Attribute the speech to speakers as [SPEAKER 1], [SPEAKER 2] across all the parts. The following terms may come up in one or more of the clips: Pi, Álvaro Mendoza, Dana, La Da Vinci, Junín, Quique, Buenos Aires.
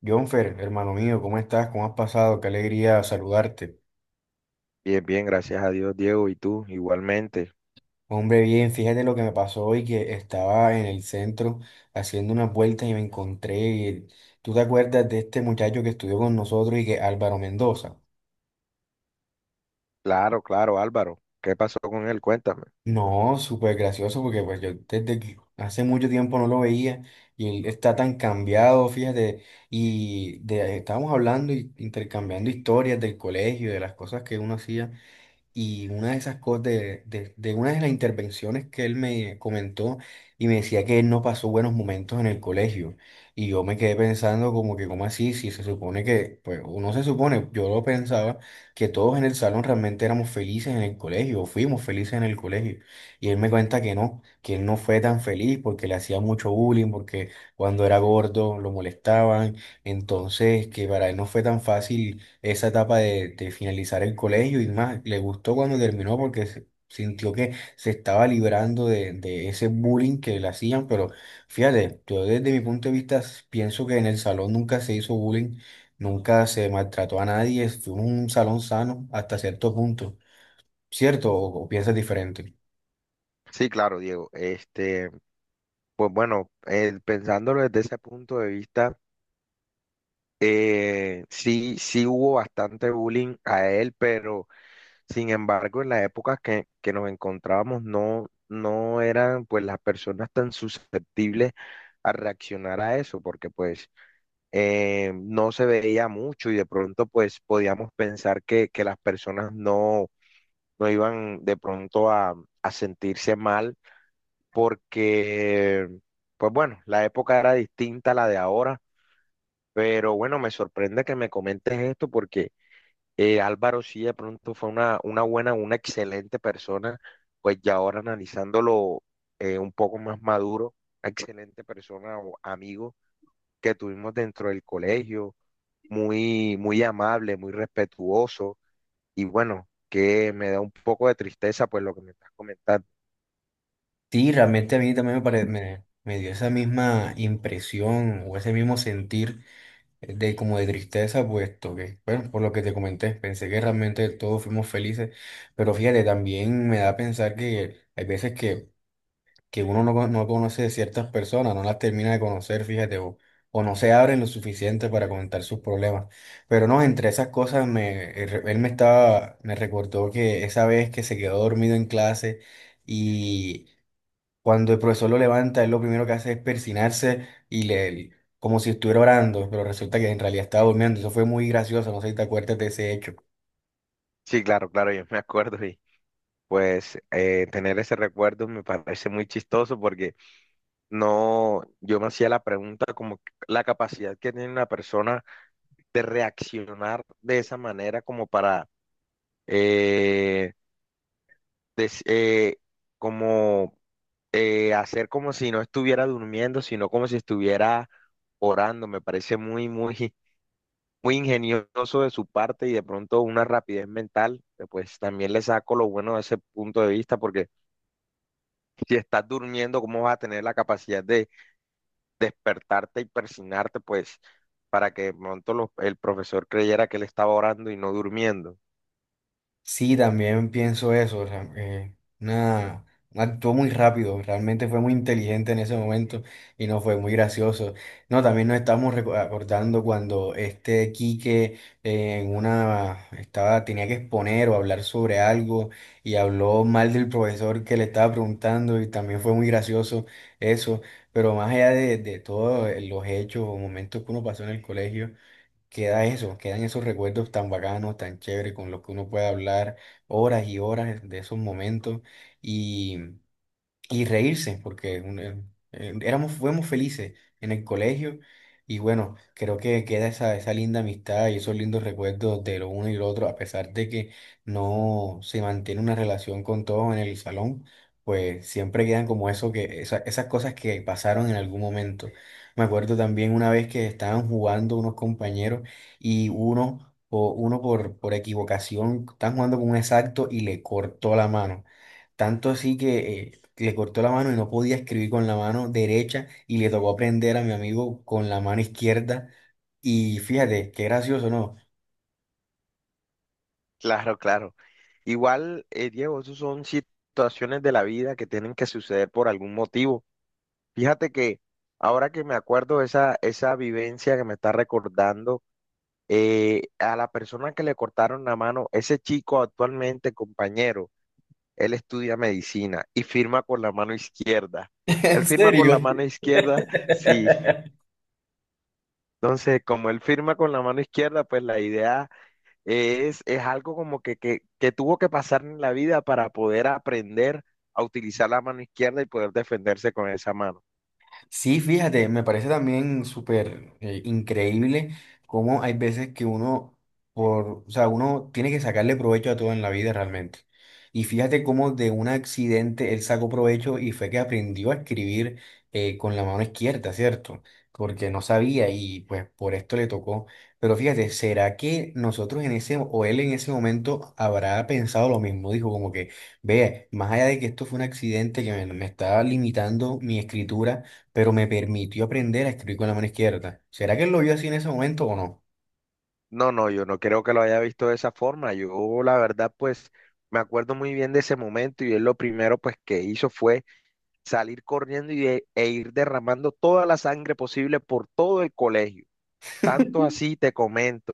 [SPEAKER 1] Jonfer, hermano mío, ¿cómo estás? ¿Cómo has pasado? Qué alegría saludarte.
[SPEAKER 2] Bien, bien, gracias a Dios, Diego, y tú igualmente.
[SPEAKER 1] Hombre, bien, fíjate lo que me pasó hoy, que estaba en el centro haciendo unas vueltas y me encontré. ¿Tú te acuerdas de este muchacho que estudió con nosotros y que Álvaro Mendoza?
[SPEAKER 2] Claro, claro, Álvaro. ¿Qué pasó con él? Cuéntame.
[SPEAKER 1] No, súper gracioso porque pues yo desde que hace mucho tiempo no lo veía y él está tan cambiado, fíjate, estábamos hablando y intercambiando historias del colegio, de las cosas que uno hacía. Y una de esas cosas, de una de las intervenciones que él me comentó y me decía que él no pasó buenos momentos en el colegio. Y yo me quedé pensando como que, ¿cómo así? Si se supone que, pues, o no se supone, yo lo pensaba, que todos en el salón realmente éramos felices en el colegio, o fuimos felices en el colegio. Y él me cuenta que no, que él no fue tan feliz porque le hacía mucho bullying, porque cuando era gordo lo molestaban. Entonces, que para él no fue tan fácil esa etapa de finalizar el colegio y más, le gustó cuando terminó porque sintió que se estaba librando de ese bullying que le hacían, pero fíjate, yo desde mi punto de vista pienso que en el salón nunca se hizo bullying, nunca se maltrató a nadie, fue un salón sano hasta cierto punto, ¿cierto? O piensas diferente?
[SPEAKER 2] Sí, claro, Diego. Pensándolo desde ese punto de vista, sí, sí hubo bastante bullying a él, pero sin embargo, en las épocas que nos encontrábamos, no, no eran pues las personas tan susceptibles a reaccionar a eso, porque no se veía mucho y de pronto pues podíamos pensar que las personas no, no iban de pronto a sentirse mal porque pues bueno, la época era distinta a la de ahora, pero bueno, me sorprende que me comentes esto porque Álvaro sí de pronto fue una buena, una excelente persona, pues ya ahora analizándolo, un poco más maduro, excelente persona o amigo que tuvimos dentro del colegio muy, muy amable, muy respetuoso y bueno, que me da un poco de tristeza pues lo que me estás comentando.
[SPEAKER 1] Sí, realmente a mí también me dio esa misma impresión o ese mismo sentir de como de tristeza, puesto que, bueno, por lo que te comenté, pensé que realmente todos fuimos felices, pero fíjate, también me da a pensar que hay veces que uno no, no conoce ciertas personas, no las termina de conocer, fíjate, o no se abren lo suficiente para comentar sus problemas. Pero no, entre esas cosas, él me estaba, me recordó que esa vez que se quedó dormido en clase y... Cuando el profesor lo levanta, él lo primero que hace es persinarse y le, como si estuviera orando, pero resulta que en realidad estaba durmiendo. Eso fue muy gracioso, no sé si te acuerdas de ese hecho.
[SPEAKER 2] Sí, claro, claro, yo me acuerdo y tener ese recuerdo me parece muy chistoso porque no, yo me hacía la pregunta como que la capacidad que tiene una persona de reaccionar de esa manera como para eh, des- como hacer como si no estuviera durmiendo, sino como si estuviera orando. Me parece muy, muy, muy ingenioso de su parte y de pronto una rapidez mental, pues también le saco lo bueno de ese punto de vista, porque si estás durmiendo, ¿cómo vas a tener la capacidad de despertarte y persignarte, pues, para que de pronto el profesor creyera que él estaba orando y no durmiendo?
[SPEAKER 1] Sí, también pienso eso. O sea, una- actuó muy rápido, realmente fue muy inteligente en ese momento y no fue muy gracioso. No, también nos estamos acordando cuando este Quique en una estaba, tenía que exponer o hablar sobre algo y habló mal del profesor que le estaba preguntando y también fue muy gracioso eso. Pero más allá de todos los hechos o momentos que uno pasó en el colegio queda eso, quedan esos recuerdos tan bacanos, tan chéveres, con los que uno puede hablar horas y horas de esos momentos y reírse, porque éramos, fuimos felices en el colegio. Y bueno, creo que queda esa linda amistad y esos lindos recuerdos de lo uno y lo otro, a pesar de que no se mantiene una relación con todos en el salón, pues siempre quedan como eso que, esas cosas que pasaron en algún momento. Me acuerdo también una vez que estaban jugando unos compañeros y uno, por equivocación, estaban jugando con un exacto y le cortó la mano. Tanto así que le cortó la mano y no podía escribir con la mano derecha y le tocó aprender a mi amigo con la mano izquierda. Y fíjate, qué gracioso, ¿no?
[SPEAKER 2] Claro, claro. Igual, Diego, esas son situaciones de la vida que tienen que suceder por algún motivo. Fíjate que ahora que me acuerdo de esa vivencia que me está recordando, a la persona que le cortaron la mano, ese chico actualmente, compañero, él estudia medicina y firma con la mano izquierda. Él
[SPEAKER 1] ¿En
[SPEAKER 2] firma con
[SPEAKER 1] serio?
[SPEAKER 2] la mano izquierda, sí. Entonces, como él firma con la mano izquierda, pues la idea es algo como que tuvo que pasar en la vida para poder aprender a utilizar la mano izquierda y poder defenderse con esa mano.
[SPEAKER 1] Sí, fíjate, me parece también súper increíble cómo hay veces que uno, por, o sea, uno tiene que sacarle provecho a todo en la vida realmente. Y fíjate cómo de un accidente él sacó provecho y fue que aprendió a escribir con la mano izquierda, ¿cierto? Porque no sabía y pues por esto le tocó. Pero fíjate, ¿será que nosotros en ese, o él en ese momento habrá pensado lo mismo? Dijo como que, ve, más allá de que esto fue un accidente que me estaba limitando mi escritura, pero me permitió aprender a escribir con la mano izquierda. ¿Será que él lo vio así en ese momento o no?
[SPEAKER 2] No, no, yo no creo que lo haya visto de esa forma. Yo, la verdad, pues me acuerdo muy bien de ese momento y él lo primero pues que hizo fue salir corriendo y e ir derramando toda la sangre posible por todo el colegio. Tanto así te comento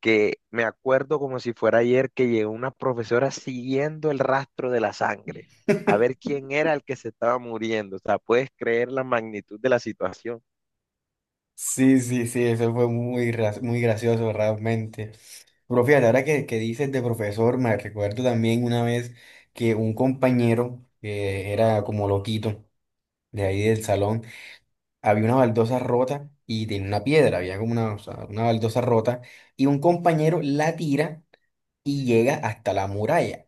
[SPEAKER 2] que me acuerdo como si fuera ayer que llegó una profesora siguiendo el rastro de la sangre, a ver quién era el que se estaba muriendo. O sea, puedes creer la magnitud de la situación.
[SPEAKER 1] Sí, sí, sí, eso fue muy gracioso realmente. Pero fíjate, ahora que dices de profesor, me recuerdo también una vez que un compañero que era como loquito de ahí del salón, había una baldosa rota y tenía una piedra, había como una, o sea, una baldosa rota y un compañero la tira y llega hasta la muralla.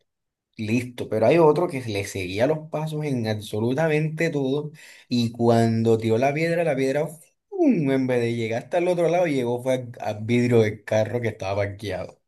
[SPEAKER 1] Listo, pero hay otro que le seguía los pasos en absolutamente todo y cuando tiró la piedra, ¡fum! En vez de llegar hasta el otro lado, llegó fue al vidrio del carro que estaba parqueado.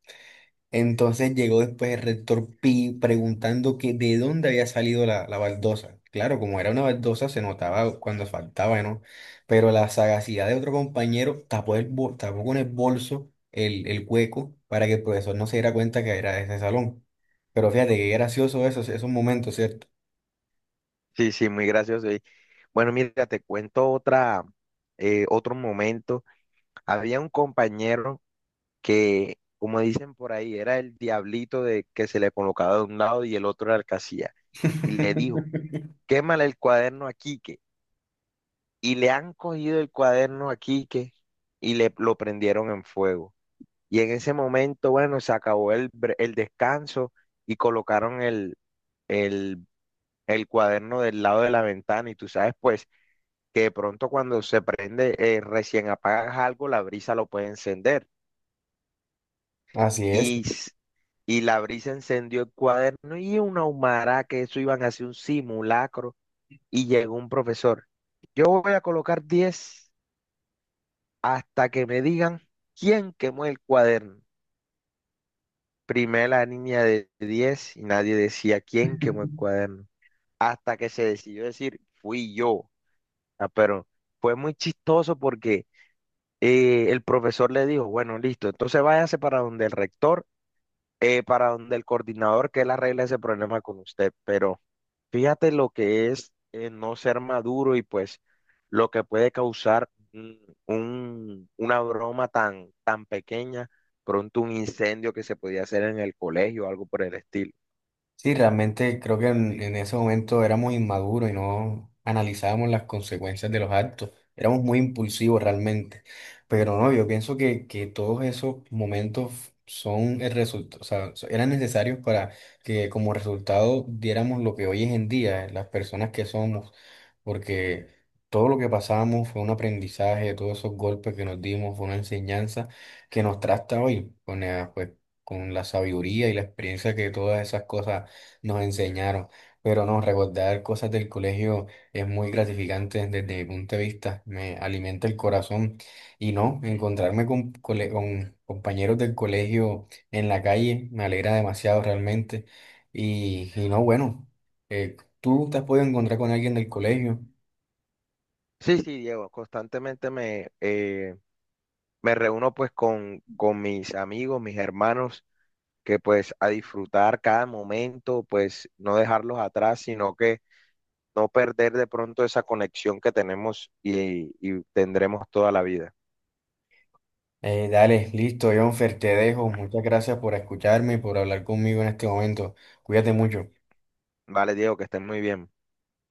[SPEAKER 1] Entonces llegó después el rector Pi preguntando que de dónde había salido la baldosa. Claro, como era una baldosa, se notaba cuando faltaba, ¿no? Pero la sagacidad de otro compañero tapó, tapó con el bolso el hueco para que el profesor no se diera cuenta que era de ese salón. Pero fíjate qué gracioso eso, esos momentos, ¿cierto?
[SPEAKER 2] Sí, sí, muy gracioso. Y bueno, mira, te cuento otra, otro momento. Había un compañero que, como dicen por ahí, era el diablito de que se le colocaba de un lado y el otro era el que hacía. Y le dijo, quémale el cuaderno a Quique. Y le han cogido el cuaderno a Quique y le lo prendieron en fuego. Y en ese momento, bueno, se acabó el descanso y colocaron el, el cuaderno del lado de la ventana. Y tú sabes, pues, que de pronto cuando se prende, recién apagas algo, la brisa lo puede encender.
[SPEAKER 1] Así es.
[SPEAKER 2] y, s- y la brisa encendió el cuaderno y una humarada que eso iban a hacer un simulacro y llegó un profesor. Yo voy a colocar 10 hasta que me digan quién quemó el cuaderno. Primero la niña de 10 y nadie decía quién quemó el cuaderno. Hasta que se decidió decir, fui yo. Ah, pero fue muy chistoso porque el profesor le dijo, bueno, listo, entonces váyase para donde el rector para donde el coordinador que él arregle ese problema con usted. Pero fíjate lo que es no ser maduro y pues lo que puede causar una broma tan, tan pequeña, pronto un incendio que se podía hacer en el colegio o algo por el estilo.
[SPEAKER 1] Sí, realmente creo que en ese momento éramos inmaduros y no analizábamos las consecuencias de los actos. Éramos muy impulsivos realmente. Pero no, yo pienso que todos esos momentos son el resultado, o sea, eran necesarios para que como resultado diéramos lo que hoy es en día, las personas que somos, porque todo lo que pasamos fue un aprendizaje, todos esos golpes que nos dimos fue una enseñanza que nos trata hoy con la, pues, con la sabiduría y la experiencia que todas esas cosas nos enseñaron. Pero no, recordar cosas del colegio es muy gratificante desde mi punto de vista, me alimenta el corazón. Y no, encontrarme con, con compañeros del colegio en la calle me alegra demasiado realmente. Y no, bueno, tú te has podido encontrar con alguien del colegio.
[SPEAKER 2] Sí, sí, Diego, constantemente me reúno pues con mis amigos, mis hermanos, que pues a disfrutar cada momento, pues no dejarlos atrás, sino que no perder de pronto esa conexión que tenemos y tendremos toda la vida.
[SPEAKER 1] Dale, listo, Jonfer, te dejo. Muchas gracias por escucharme y por hablar conmigo en este momento. Cuídate mucho.
[SPEAKER 2] Vale, Diego, que estén muy bien.